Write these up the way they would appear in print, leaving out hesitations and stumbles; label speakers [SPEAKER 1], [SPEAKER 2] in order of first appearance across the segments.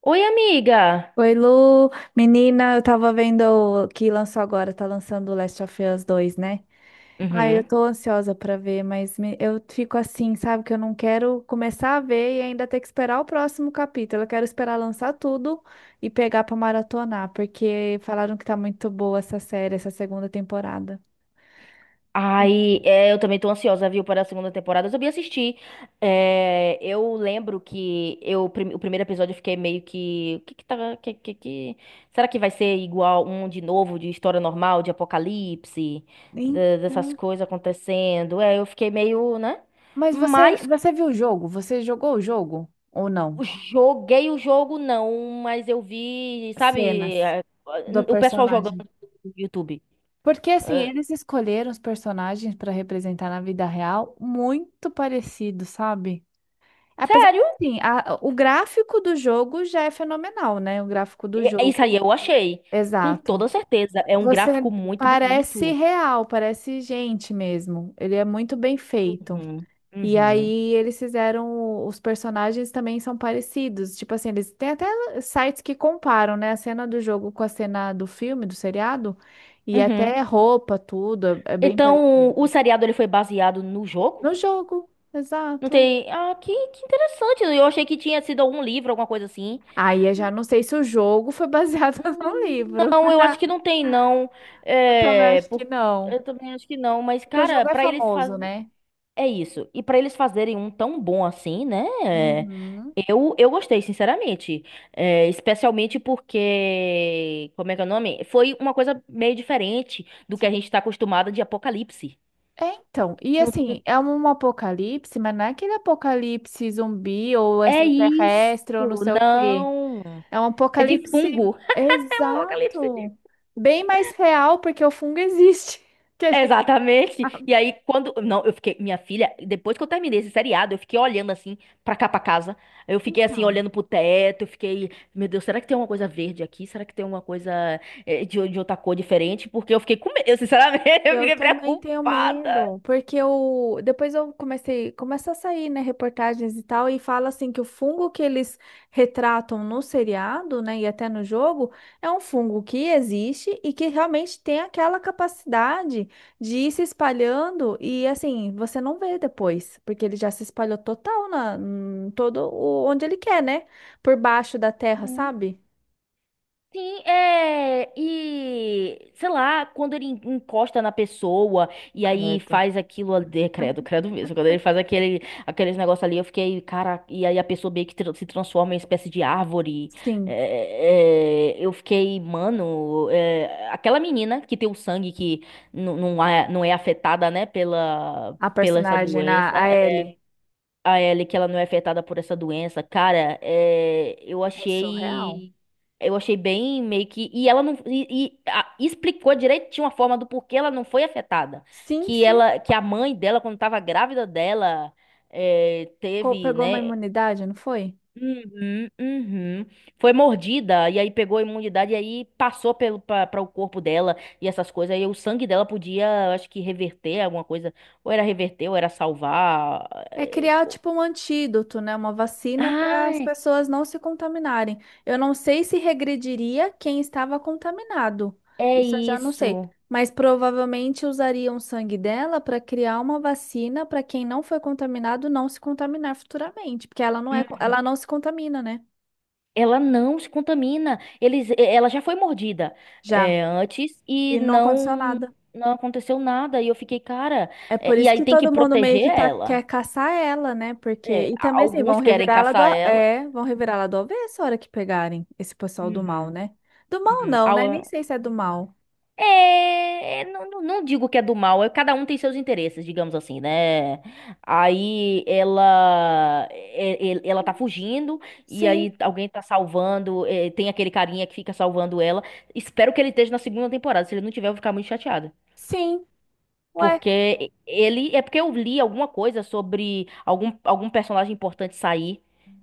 [SPEAKER 1] Oi, amiga!
[SPEAKER 2] Oi, Lu. Menina, eu tava vendo que lançou agora, tá lançando o Last of Us 2, né? Ai, eu
[SPEAKER 1] Uhum.
[SPEAKER 2] tô ansiosa pra ver, mas eu fico assim, sabe? Que eu não quero começar a ver e ainda ter que esperar o próximo capítulo. Eu quero esperar lançar tudo e pegar pra maratonar, porque falaram que tá muito boa essa série, essa segunda temporada.
[SPEAKER 1] Ai, é, eu também tô ansiosa, viu, para a segunda temporada. Eu também assistir. É, eu lembro que eu o primeiro episódio eu fiquei meio que. O que que tá. Será que vai ser igual um de novo, de história normal, de apocalipse, dessas
[SPEAKER 2] Então,
[SPEAKER 1] coisas acontecendo? É, eu fiquei meio, né?
[SPEAKER 2] mas você,
[SPEAKER 1] Mas
[SPEAKER 2] você viu o jogo? Você jogou o jogo ou não?
[SPEAKER 1] joguei o jogo, não. Mas eu vi, sabe,
[SPEAKER 2] Cenas. Do
[SPEAKER 1] o pessoal jogando
[SPEAKER 2] personagem.
[SPEAKER 1] no YouTube.
[SPEAKER 2] Porque assim,
[SPEAKER 1] É,
[SPEAKER 2] eles escolheram os personagens para representar na vida real muito parecidos, sabe? Apesar de,
[SPEAKER 1] sério?
[SPEAKER 2] assim, o gráfico do jogo já é fenomenal, né? O gráfico do
[SPEAKER 1] É isso aí
[SPEAKER 2] jogo,
[SPEAKER 1] eu achei. Com
[SPEAKER 2] exato.
[SPEAKER 1] toda certeza. É um gráfico
[SPEAKER 2] Você
[SPEAKER 1] muito
[SPEAKER 2] parece
[SPEAKER 1] bonito.
[SPEAKER 2] real, parece gente mesmo. Ele é muito bem feito.
[SPEAKER 1] Uhum,
[SPEAKER 2] E
[SPEAKER 1] uhum,
[SPEAKER 2] aí eles fizeram, os personagens também são parecidos, tipo assim, eles têm até sites que comparam, né, a cena do jogo com a cena do filme, do seriado, e
[SPEAKER 1] uhum.
[SPEAKER 2] até roupa, tudo, é bem
[SPEAKER 1] Então, o
[SPEAKER 2] parecido.
[SPEAKER 1] seriado ele foi baseado no jogo?
[SPEAKER 2] No jogo,
[SPEAKER 1] Não
[SPEAKER 2] exato.
[SPEAKER 1] tem. Ah, que interessante. Eu achei que tinha sido algum livro, alguma coisa assim.
[SPEAKER 2] Aí eu já não sei se o jogo foi baseado no
[SPEAKER 1] Hum,
[SPEAKER 2] livro.
[SPEAKER 1] Não, eu acho que não tem, não.
[SPEAKER 2] Eu também
[SPEAKER 1] É,
[SPEAKER 2] acho que
[SPEAKER 1] por...
[SPEAKER 2] não.
[SPEAKER 1] Eu também acho que não. Mas,
[SPEAKER 2] Porque o
[SPEAKER 1] cara,
[SPEAKER 2] jogo é
[SPEAKER 1] pra eles faz...
[SPEAKER 2] famoso, né?
[SPEAKER 1] É isso. E pra eles fazerem um tão bom assim, né? É.
[SPEAKER 2] Uhum.
[SPEAKER 1] Eu gostei, sinceramente. É, especialmente porque. Como é que é o nome? Foi uma coisa meio diferente do que a gente tá acostumado de Apocalipse.
[SPEAKER 2] É, então, e
[SPEAKER 1] Não-
[SPEAKER 2] assim, é um apocalipse, mas não é aquele apocalipse zumbi ou
[SPEAKER 1] É isso.
[SPEAKER 2] extraterrestre ou não sei o quê.
[SPEAKER 1] Não.
[SPEAKER 2] É um
[SPEAKER 1] É de
[SPEAKER 2] apocalipse
[SPEAKER 1] fungo. Apocalipse.
[SPEAKER 2] exato, bem mais real porque o fungo existe. Que a gente...
[SPEAKER 1] Exatamente. E aí, quando. Não, eu fiquei. Minha filha, depois que eu terminei esse seriado, eu fiquei olhando assim, pra cá, pra casa. Eu fiquei assim,
[SPEAKER 2] Então.
[SPEAKER 1] olhando pro teto. Eu fiquei. Meu Deus, será que tem alguma coisa verde aqui? Será que tem alguma coisa de, outra cor diferente? Porque eu fiquei com medo. Eu, sinceramente, eu
[SPEAKER 2] Eu
[SPEAKER 1] fiquei
[SPEAKER 2] também tenho
[SPEAKER 1] preocupada.
[SPEAKER 2] medo, porque eu, depois eu comecei, começa a sair, né, reportagens e tal, e fala assim que o fungo que eles retratam no seriado, né, e até no jogo, é um fungo que existe e que realmente tem aquela capacidade de ir se espalhando e assim, você não vê depois, porque ele já se espalhou total na, em todo o, onde ele quer, né? Por baixo da terra, sabe?
[SPEAKER 1] Sim, é. E sei lá, quando ele encosta na pessoa e aí
[SPEAKER 2] Credo.
[SPEAKER 1] faz aquilo ali, é, credo, credo mesmo. Quando ele faz aquele, aqueles negócios ali, eu fiquei, cara, e aí a pessoa meio que se transforma em espécie de árvore.
[SPEAKER 2] Sim,
[SPEAKER 1] Eu fiquei, mano, é, aquela menina que tem o sangue que não é, afetada, né, pela,
[SPEAKER 2] a
[SPEAKER 1] pela essa
[SPEAKER 2] personagem, a,
[SPEAKER 1] doença,
[SPEAKER 2] a Ellie,
[SPEAKER 1] a Ellie, que ela não é afetada por essa doença, cara, é, eu
[SPEAKER 2] é surreal.
[SPEAKER 1] achei. Eu achei bem meio que. E ela não. Explicou direitinho a forma do porquê ela não foi afetada.
[SPEAKER 2] Sim,
[SPEAKER 1] Que
[SPEAKER 2] sim.
[SPEAKER 1] ela, que a mãe dela, quando tava grávida dela, é, teve,
[SPEAKER 2] Pegou uma
[SPEAKER 1] né?
[SPEAKER 2] imunidade, não foi?
[SPEAKER 1] Uhum, uhum. Foi mordida, e aí pegou a imunidade, e aí passou para o corpo dela e essas coisas. Aí o sangue dela podia, eu acho que, reverter alguma coisa. Ou era reverter, ou era salvar.
[SPEAKER 2] É criar
[SPEAKER 1] Pô.
[SPEAKER 2] tipo um antídoto, né? Uma vacina para as pessoas não se contaminarem. Eu não sei se regrediria quem estava contaminado.
[SPEAKER 1] É
[SPEAKER 2] Isso eu já não sei.
[SPEAKER 1] isso.
[SPEAKER 2] Mas provavelmente usariam o sangue dela para criar uma vacina para quem não foi contaminado não se contaminar futuramente, porque ela não é,
[SPEAKER 1] Hum,
[SPEAKER 2] ela não se contamina, né?
[SPEAKER 1] ela não se contamina. Ela já foi mordida,
[SPEAKER 2] Já.
[SPEAKER 1] antes, e
[SPEAKER 2] E não aconteceu
[SPEAKER 1] não
[SPEAKER 2] nada.
[SPEAKER 1] não aconteceu nada. E eu fiquei, cara.
[SPEAKER 2] É por
[SPEAKER 1] E
[SPEAKER 2] isso
[SPEAKER 1] aí
[SPEAKER 2] que
[SPEAKER 1] tem que
[SPEAKER 2] todo mundo meio
[SPEAKER 1] proteger
[SPEAKER 2] que tá, quer
[SPEAKER 1] ela.
[SPEAKER 2] caçar ela, né? Porque.
[SPEAKER 1] É,
[SPEAKER 2] E também, assim, vão
[SPEAKER 1] alguns querem
[SPEAKER 2] revirar ela
[SPEAKER 1] caçar ela.
[SPEAKER 2] vão revirar ela do avesso a hora que pegarem esse pessoal do mal,
[SPEAKER 1] Uhum,
[SPEAKER 2] né? Do mal
[SPEAKER 1] uhum.
[SPEAKER 2] não, né? Nem sei se é do mal.
[SPEAKER 1] É, não, não digo que é do mal, é, cada um tem seus interesses, digamos assim, né? Aí ela
[SPEAKER 2] Sim,
[SPEAKER 1] tá fugindo e
[SPEAKER 2] sim,
[SPEAKER 1] aí alguém tá salvando, é, tem aquele carinha que fica salvando ela. Espero que ele esteja na segunda temporada. Se ele não tiver, eu vou ficar muito chateada.
[SPEAKER 2] sim. Ué,
[SPEAKER 1] Porque é porque eu li alguma coisa sobre algum personagem importante sair.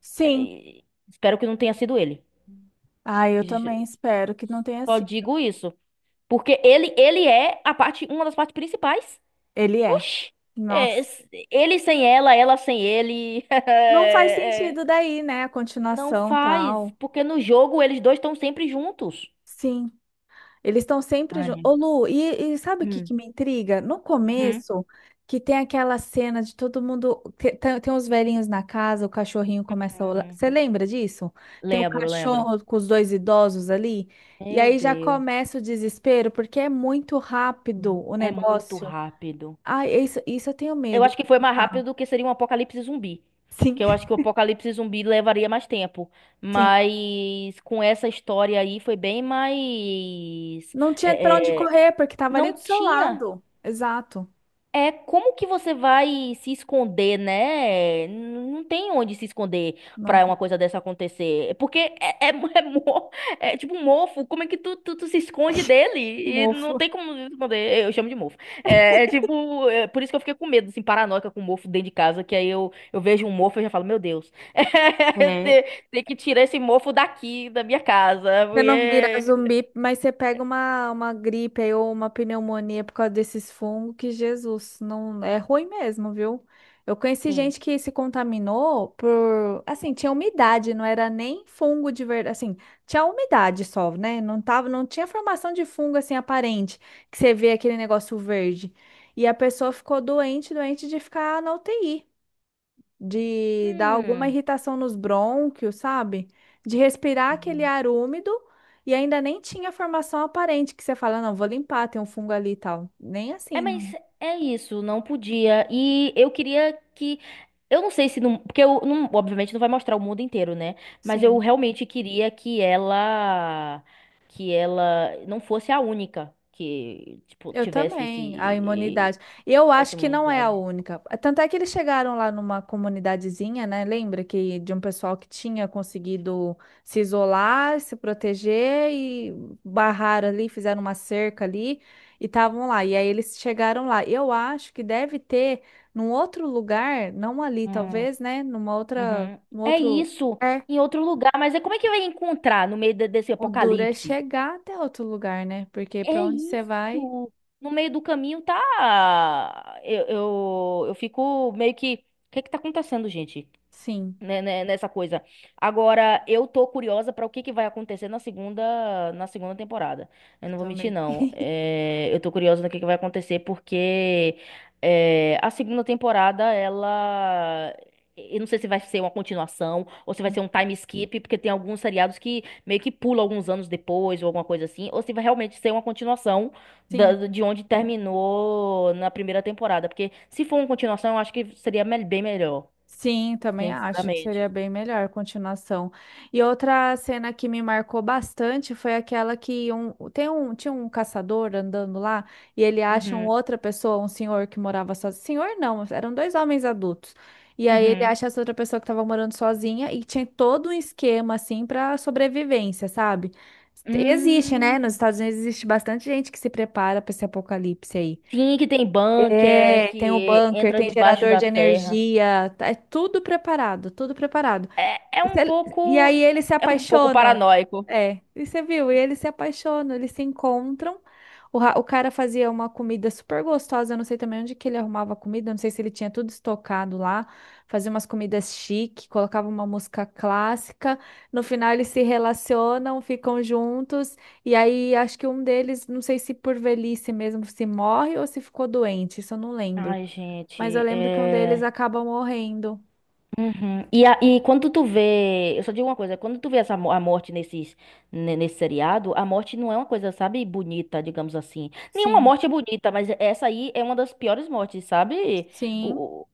[SPEAKER 2] sim.
[SPEAKER 1] Espero que não tenha sido ele.
[SPEAKER 2] Ah, eu também espero que não tenha
[SPEAKER 1] Só
[SPEAKER 2] sido.
[SPEAKER 1] digo isso. Porque ele é a parte, uma das partes principais.
[SPEAKER 2] Ele é.
[SPEAKER 1] Oxi,
[SPEAKER 2] Nossa.
[SPEAKER 1] ele sem ela, ela sem ele.
[SPEAKER 2] Não faz
[SPEAKER 1] É,
[SPEAKER 2] sentido daí, né? A
[SPEAKER 1] não
[SPEAKER 2] continuação
[SPEAKER 1] faz,
[SPEAKER 2] tal.
[SPEAKER 1] porque no jogo eles dois estão sempre juntos.
[SPEAKER 2] Sim. Eles estão sempre juntos.
[SPEAKER 1] Ai.
[SPEAKER 2] Ô, Lu, e sabe o que,
[SPEAKER 1] Hum.
[SPEAKER 2] que me intriga? No
[SPEAKER 1] Uhum.
[SPEAKER 2] começo, que tem aquela cena de todo mundo. Tem os velhinhos na casa, o cachorrinho começa a olhar.
[SPEAKER 1] Uhum.
[SPEAKER 2] Você lembra disso? Tem o
[SPEAKER 1] Lembro, lembro.
[SPEAKER 2] cachorro com os dois idosos ali. E
[SPEAKER 1] Meu
[SPEAKER 2] aí já
[SPEAKER 1] Deus,
[SPEAKER 2] começa o desespero, porque é muito rápido o
[SPEAKER 1] é muito
[SPEAKER 2] negócio.
[SPEAKER 1] rápido.
[SPEAKER 2] Ai, é isso, isso eu tenho
[SPEAKER 1] Eu
[SPEAKER 2] medo.
[SPEAKER 1] acho que foi mais
[SPEAKER 2] Tá.
[SPEAKER 1] rápido do que seria um apocalipse zumbi. Porque eu
[SPEAKER 2] Sim,
[SPEAKER 1] acho que o apocalipse zumbi levaria mais tempo.
[SPEAKER 2] sim.
[SPEAKER 1] Mas com essa história aí foi bem mais.
[SPEAKER 2] Não tinha pra onde
[SPEAKER 1] é, é,
[SPEAKER 2] correr, porque tava ali do
[SPEAKER 1] não
[SPEAKER 2] seu
[SPEAKER 1] tinha.
[SPEAKER 2] lado. Exato.
[SPEAKER 1] É como que você vai se esconder, né? Não tem onde se esconder
[SPEAKER 2] Não
[SPEAKER 1] pra uma
[SPEAKER 2] tem.
[SPEAKER 1] coisa dessa acontecer. Porque é, é tipo um mofo. Como é que tu se esconde dele? E não
[SPEAKER 2] Mofo.
[SPEAKER 1] tem como se esconder. Eu chamo de mofo. É tipo. É por isso que eu fiquei com medo, assim, paranoica com mofo dentro de casa. Que aí eu vejo um mofo e já falo, meu Deus. é,
[SPEAKER 2] É.
[SPEAKER 1] tem, tem que tirar esse mofo daqui, da minha casa.
[SPEAKER 2] Você não vira
[SPEAKER 1] Porque.
[SPEAKER 2] zumbi, mas você pega uma gripe aí ou uma pneumonia por causa desses fungos, que Jesus, não é ruim mesmo, viu? Eu conheci
[SPEAKER 1] Sim.
[SPEAKER 2] gente que se contaminou por, assim, tinha umidade, não era nem fungo de verdade, assim, tinha umidade só, né? Não tava, não tinha formação de fungo assim aparente, que você vê aquele negócio verde. E a pessoa ficou doente, doente de ficar na UTI de dar alguma irritação nos brônquios, sabe? De respirar aquele
[SPEAKER 1] Hum.
[SPEAKER 2] ar úmido e ainda nem tinha formação aparente que você fala, não, vou limpar, tem um fungo ali e tal. Nem
[SPEAKER 1] É,
[SPEAKER 2] assim, não.
[SPEAKER 1] mas é isso, não podia. E eu queria que. Eu não sei se não. Porque eu não, obviamente não vai mostrar o mundo inteiro, né? Mas eu
[SPEAKER 2] Sim.
[SPEAKER 1] realmente queria que ela. Que ela não fosse a única que, tipo,
[SPEAKER 2] Eu
[SPEAKER 1] tivesse
[SPEAKER 2] também, a imunidade. E eu
[SPEAKER 1] essa
[SPEAKER 2] acho que não é a
[SPEAKER 1] imunidade.
[SPEAKER 2] única. Tanto é que eles chegaram lá numa comunidadezinha, né? Lembra que de um pessoal que tinha conseguido se isolar, se proteger e barraram ali, fizeram uma cerca ali e estavam lá. E aí eles chegaram lá. Eu acho que deve ter num outro lugar, não ali,
[SPEAKER 1] Hum,
[SPEAKER 2] talvez, né? Numa outra,
[SPEAKER 1] uhum.
[SPEAKER 2] num
[SPEAKER 1] É
[SPEAKER 2] outro.
[SPEAKER 1] isso,
[SPEAKER 2] É,
[SPEAKER 1] em outro lugar. Mas é como é que vai encontrar no meio desse
[SPEAKER 2] o duro é
[SPEAKER 1] apocalipse?
[SPEAKER 2] chegar até outro lugar, né? Porque para
[SPEAKER 1] É
[SPEAKER 2] onde você vai,
[SPEAKER 1] isso. No meio do caminho tá. Eu fico meio que. O que é que tá acontecendo, gente?
[SPEAKER 2] sim,
[SPEAKER 1] Né, Nessa coisa. Agora, eu tô curiosa pra o que que vai acontecer na segunda temporada. Eu
[SPEAKER 2] eu
[SPEAKER 1] não vou mentir,
[SPEAKER 2] também.
[SPEAKER 1] não. É, eu tô curiosa do que vai acontecer, porque a segunda temporada, ela. Eu não sei se vai ser uma continuação ou se vai ser um time skip, porque tem alguns seriados que meio que pulam alguns anos depois ou alguma coisa assim, ou se vai realmente ser uma continuação
[SPEAKER 2] Sim,
[SPEAKER 1] de onde terminou na primeira temporada. Porque se for uma continuação, eu acho que seria bem melhor,
[SPEAKER 2] sim, também acho que
[SPEAKER 1] sinceramente.
[SPEAKER 2] seria bem melhor a continuação. E outra cena que me marcou bastante foi aquela que tinha um caçador andando lá e ele acha um
[SPEAKER 1] Uhum,
[SPEAKER 2] outra pessoa, um senhor que morava sozinho. Senhor não, eram dois homens adultos. E aí ele
[SPEAKER 1] uhum.
[SPEAKER 2] acha essa outra pessoa que estava morando sozinha e tinha todo um esquema assim para sobrevivência, sabe? Existe, né? Nos
[SPEAKER 1] Hum,
[SPEAKER 2] Estados Unidos existe bastante gente que se prepara para esse apocalipse aí.
[SPEAKER 1] sim, que tem bunker,
[SPEAKER 2] É, tem o
[SPEAKER 1] que
[SPEAKER 2] bunker,
[SPEAKER 1] entra
[SPEAKER 2] tem
[SPEAKER 1] debaixo
[SPEAKER 2] gerador
[SPEAKER 1] da
[SPEAKER 2] de
[SPEAKER 1] terra.
[SPEAKER 2] energia, é tudo preparado, tudo preparado.
[SPEAKER 1] É, é
[SPEAKER 2] E
[SPEAKER 1] um
[SPEAKER 2] cê- e
[SPEAKER 1] pouco,
[SPEAKER 2] aí eles se
[SPEAKER 1] é um pouco
[SPEAKER 2] apaixonam.
[SPEAKER 1] paranoico.
[SPEAKER 2] É, e você viu? E eles se apaixonam, eles se encontram. O cara fazia uma comida super gostosa. Eu não sei também onde que ele arrumava a comida. Eu não sei se ele tinha tudo estocado lá. Fazia umas comidas chique, colocava uma música clássica. No final eles se relacionam, ficam juntos. E aí acho que um deles, não sei se por velhice mesmo, se morre ou se ficou doente. Isso eu não lembro.
[SPEAKER 1] Ai,
[SPEAKER 2] Mas eu
[SPEAKER 1] gente,
[SPEAKER 2] lembro que um deles
[SPEAKER 1] é.
[SPEAKER 2] acaba morrendo.
[SPEAKER 1] Uhum. E quando tu vê, eu só digo uma coisa, quando tu vê a morte nesse seriado, a morte não é uma coisa, sabe, bonita, digamos assim. Nenhuma
[SPEAKER 2] Sim.
[SPEAKER 1] morte é bonita, mas essa aí é uma das piores mortes, sabe?
[SPEAKER 2] Sim.
[SPEAKER 1] O, o-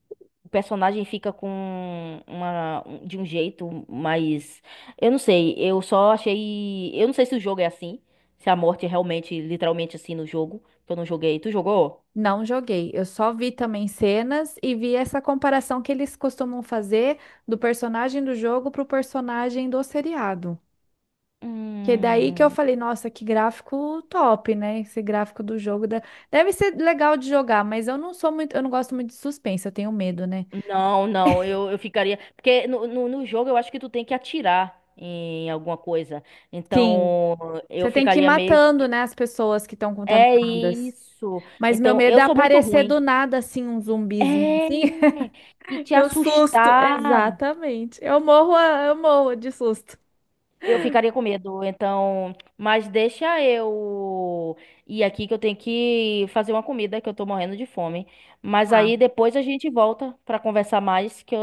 [SPEAKER 1] o personagem fica com de um jeito, mas eu não sei, eu só achei, eu não sei se o jogo é assim, se a morte é realmente, literalmente assim no jogo, que eu não joguei. Tu jogou?
[SPEAKER 2] Não joguei, eu só vi também cenas e vi essa comparação que eles costumam fazer do personagem do jogo pro personagem do seriado. Que é daí que eu
[SPEAKER 1] Hum.
[SPEAKER 2] falei, nossa, que gráfico top, né? Esse gráfico do jogo deve ser legal de jogar, mas eu não sou muito, eu não gosto muito de suspense, eu tenho medo, né?
[SPEAKER 1] Não, não, eu ficaria. Porque no jogo eu acho que tu tem que atirar em alguma coisa.
[SPEAKER 2] Sim,
[SPEAKER 1] Então eu
[SPEAKER 2] você tem que ir
[SPEAKER 1] ficaria meio.
[SPEAKER 2] matando, né, as pessoas que estão
[SPEAKER 1] É
[SPEAKER 2] contaminadas.
[SPEAKER 1] isso.
[SPEAKER 2] Mas meu
[SPEAKER 1] Então
[SPEAKER 2] medo
[SPEAKER 1] eu
[SPEAKER 2] é
[SPEAKER 1] sou muito
[SPEAKER 2] aparecer
[SPEAKER 1] ruim.
[SPEAKER 2] do nada assim um zumbizinho assim.
[SPEAKER 1] É! E te
[SPEAKER 2] Eu susto,
[SPEAKER 1] assustar.
[SPEAKER 2] exatamente. Eu morro, eu morro de susto.
[SPEAKER 1] Eu ficaria com medo, então, mas deixa eu ir aqui que eu tenho que fazer uma comida que eu tô morrendo de fome. Mas
[SPEAKER 2] Tá.
[SPEAKER 1] aí depois a gente volta pra conversar mais, que eu,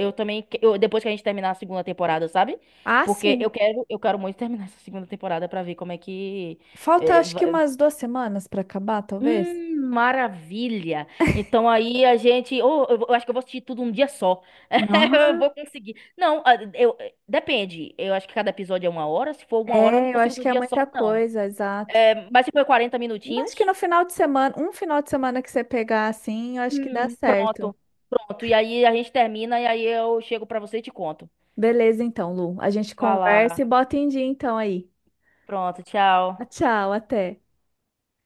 [SPEAKER 1] eu também, depois que a gente terminar a segunda temporada, sabe?
[SPEAKER 2] Ah,
[SPEAKER 1] Porque
[SPEAKER 2] sim.
[SPEAKER 1] eu quero muito terminar essa segunda temporada pra ver como é que.
[SPEAKER 2] Falta acho que umas 2 semanas para acabar, talvez.
[SPEAKER 1] Maravilha. Então aí a gente, oh, eu acho que eu vou assistir tudo um dia só. Eu
[SPEAKER 2] Nossa,
[SPEAKER 1] vou conseguir. Não, ah, depende. Eu acho que cada episódio é uma hora. Se for uma hora, eu não
[SPEAKER 2] é, eu
[SPEAKER 1] consigo
[SPEAKER 2] acho
[SPEAKER 1] no
[SPEAKER 2] que é
[SPEAKER 1] dia só,
[SPEAKER 2] muita
[SPEAKER 1] não.
[SPEAKER 2] coisa, exato.
[SPEAKER 1] É, mas se for 40
[SPEAKER 2] Acho que
[SPEAKER 1] minutinhos,
[SPEAKER 2] no final de semana, um final de semana que você pegar assim, eu acho que dá certo.
[SPEAKER 1] pronto, pronto. E aí a gente termina e aí eu chego pra você e te conto.
[SPEAKER 2] Beleza, então, Lu. A gente
[SPEAKER 1] Vai
[SPEAKER 2] conversa
[SPEAKER 1] lá.
[SPEAKER 2] e bota em dia então aí.
[SPEAKER 1] Pronto,
[SPEAKER 2] Ah,
[SPEAKER 1] tchau.
[SPEAKER 2] tchau, até.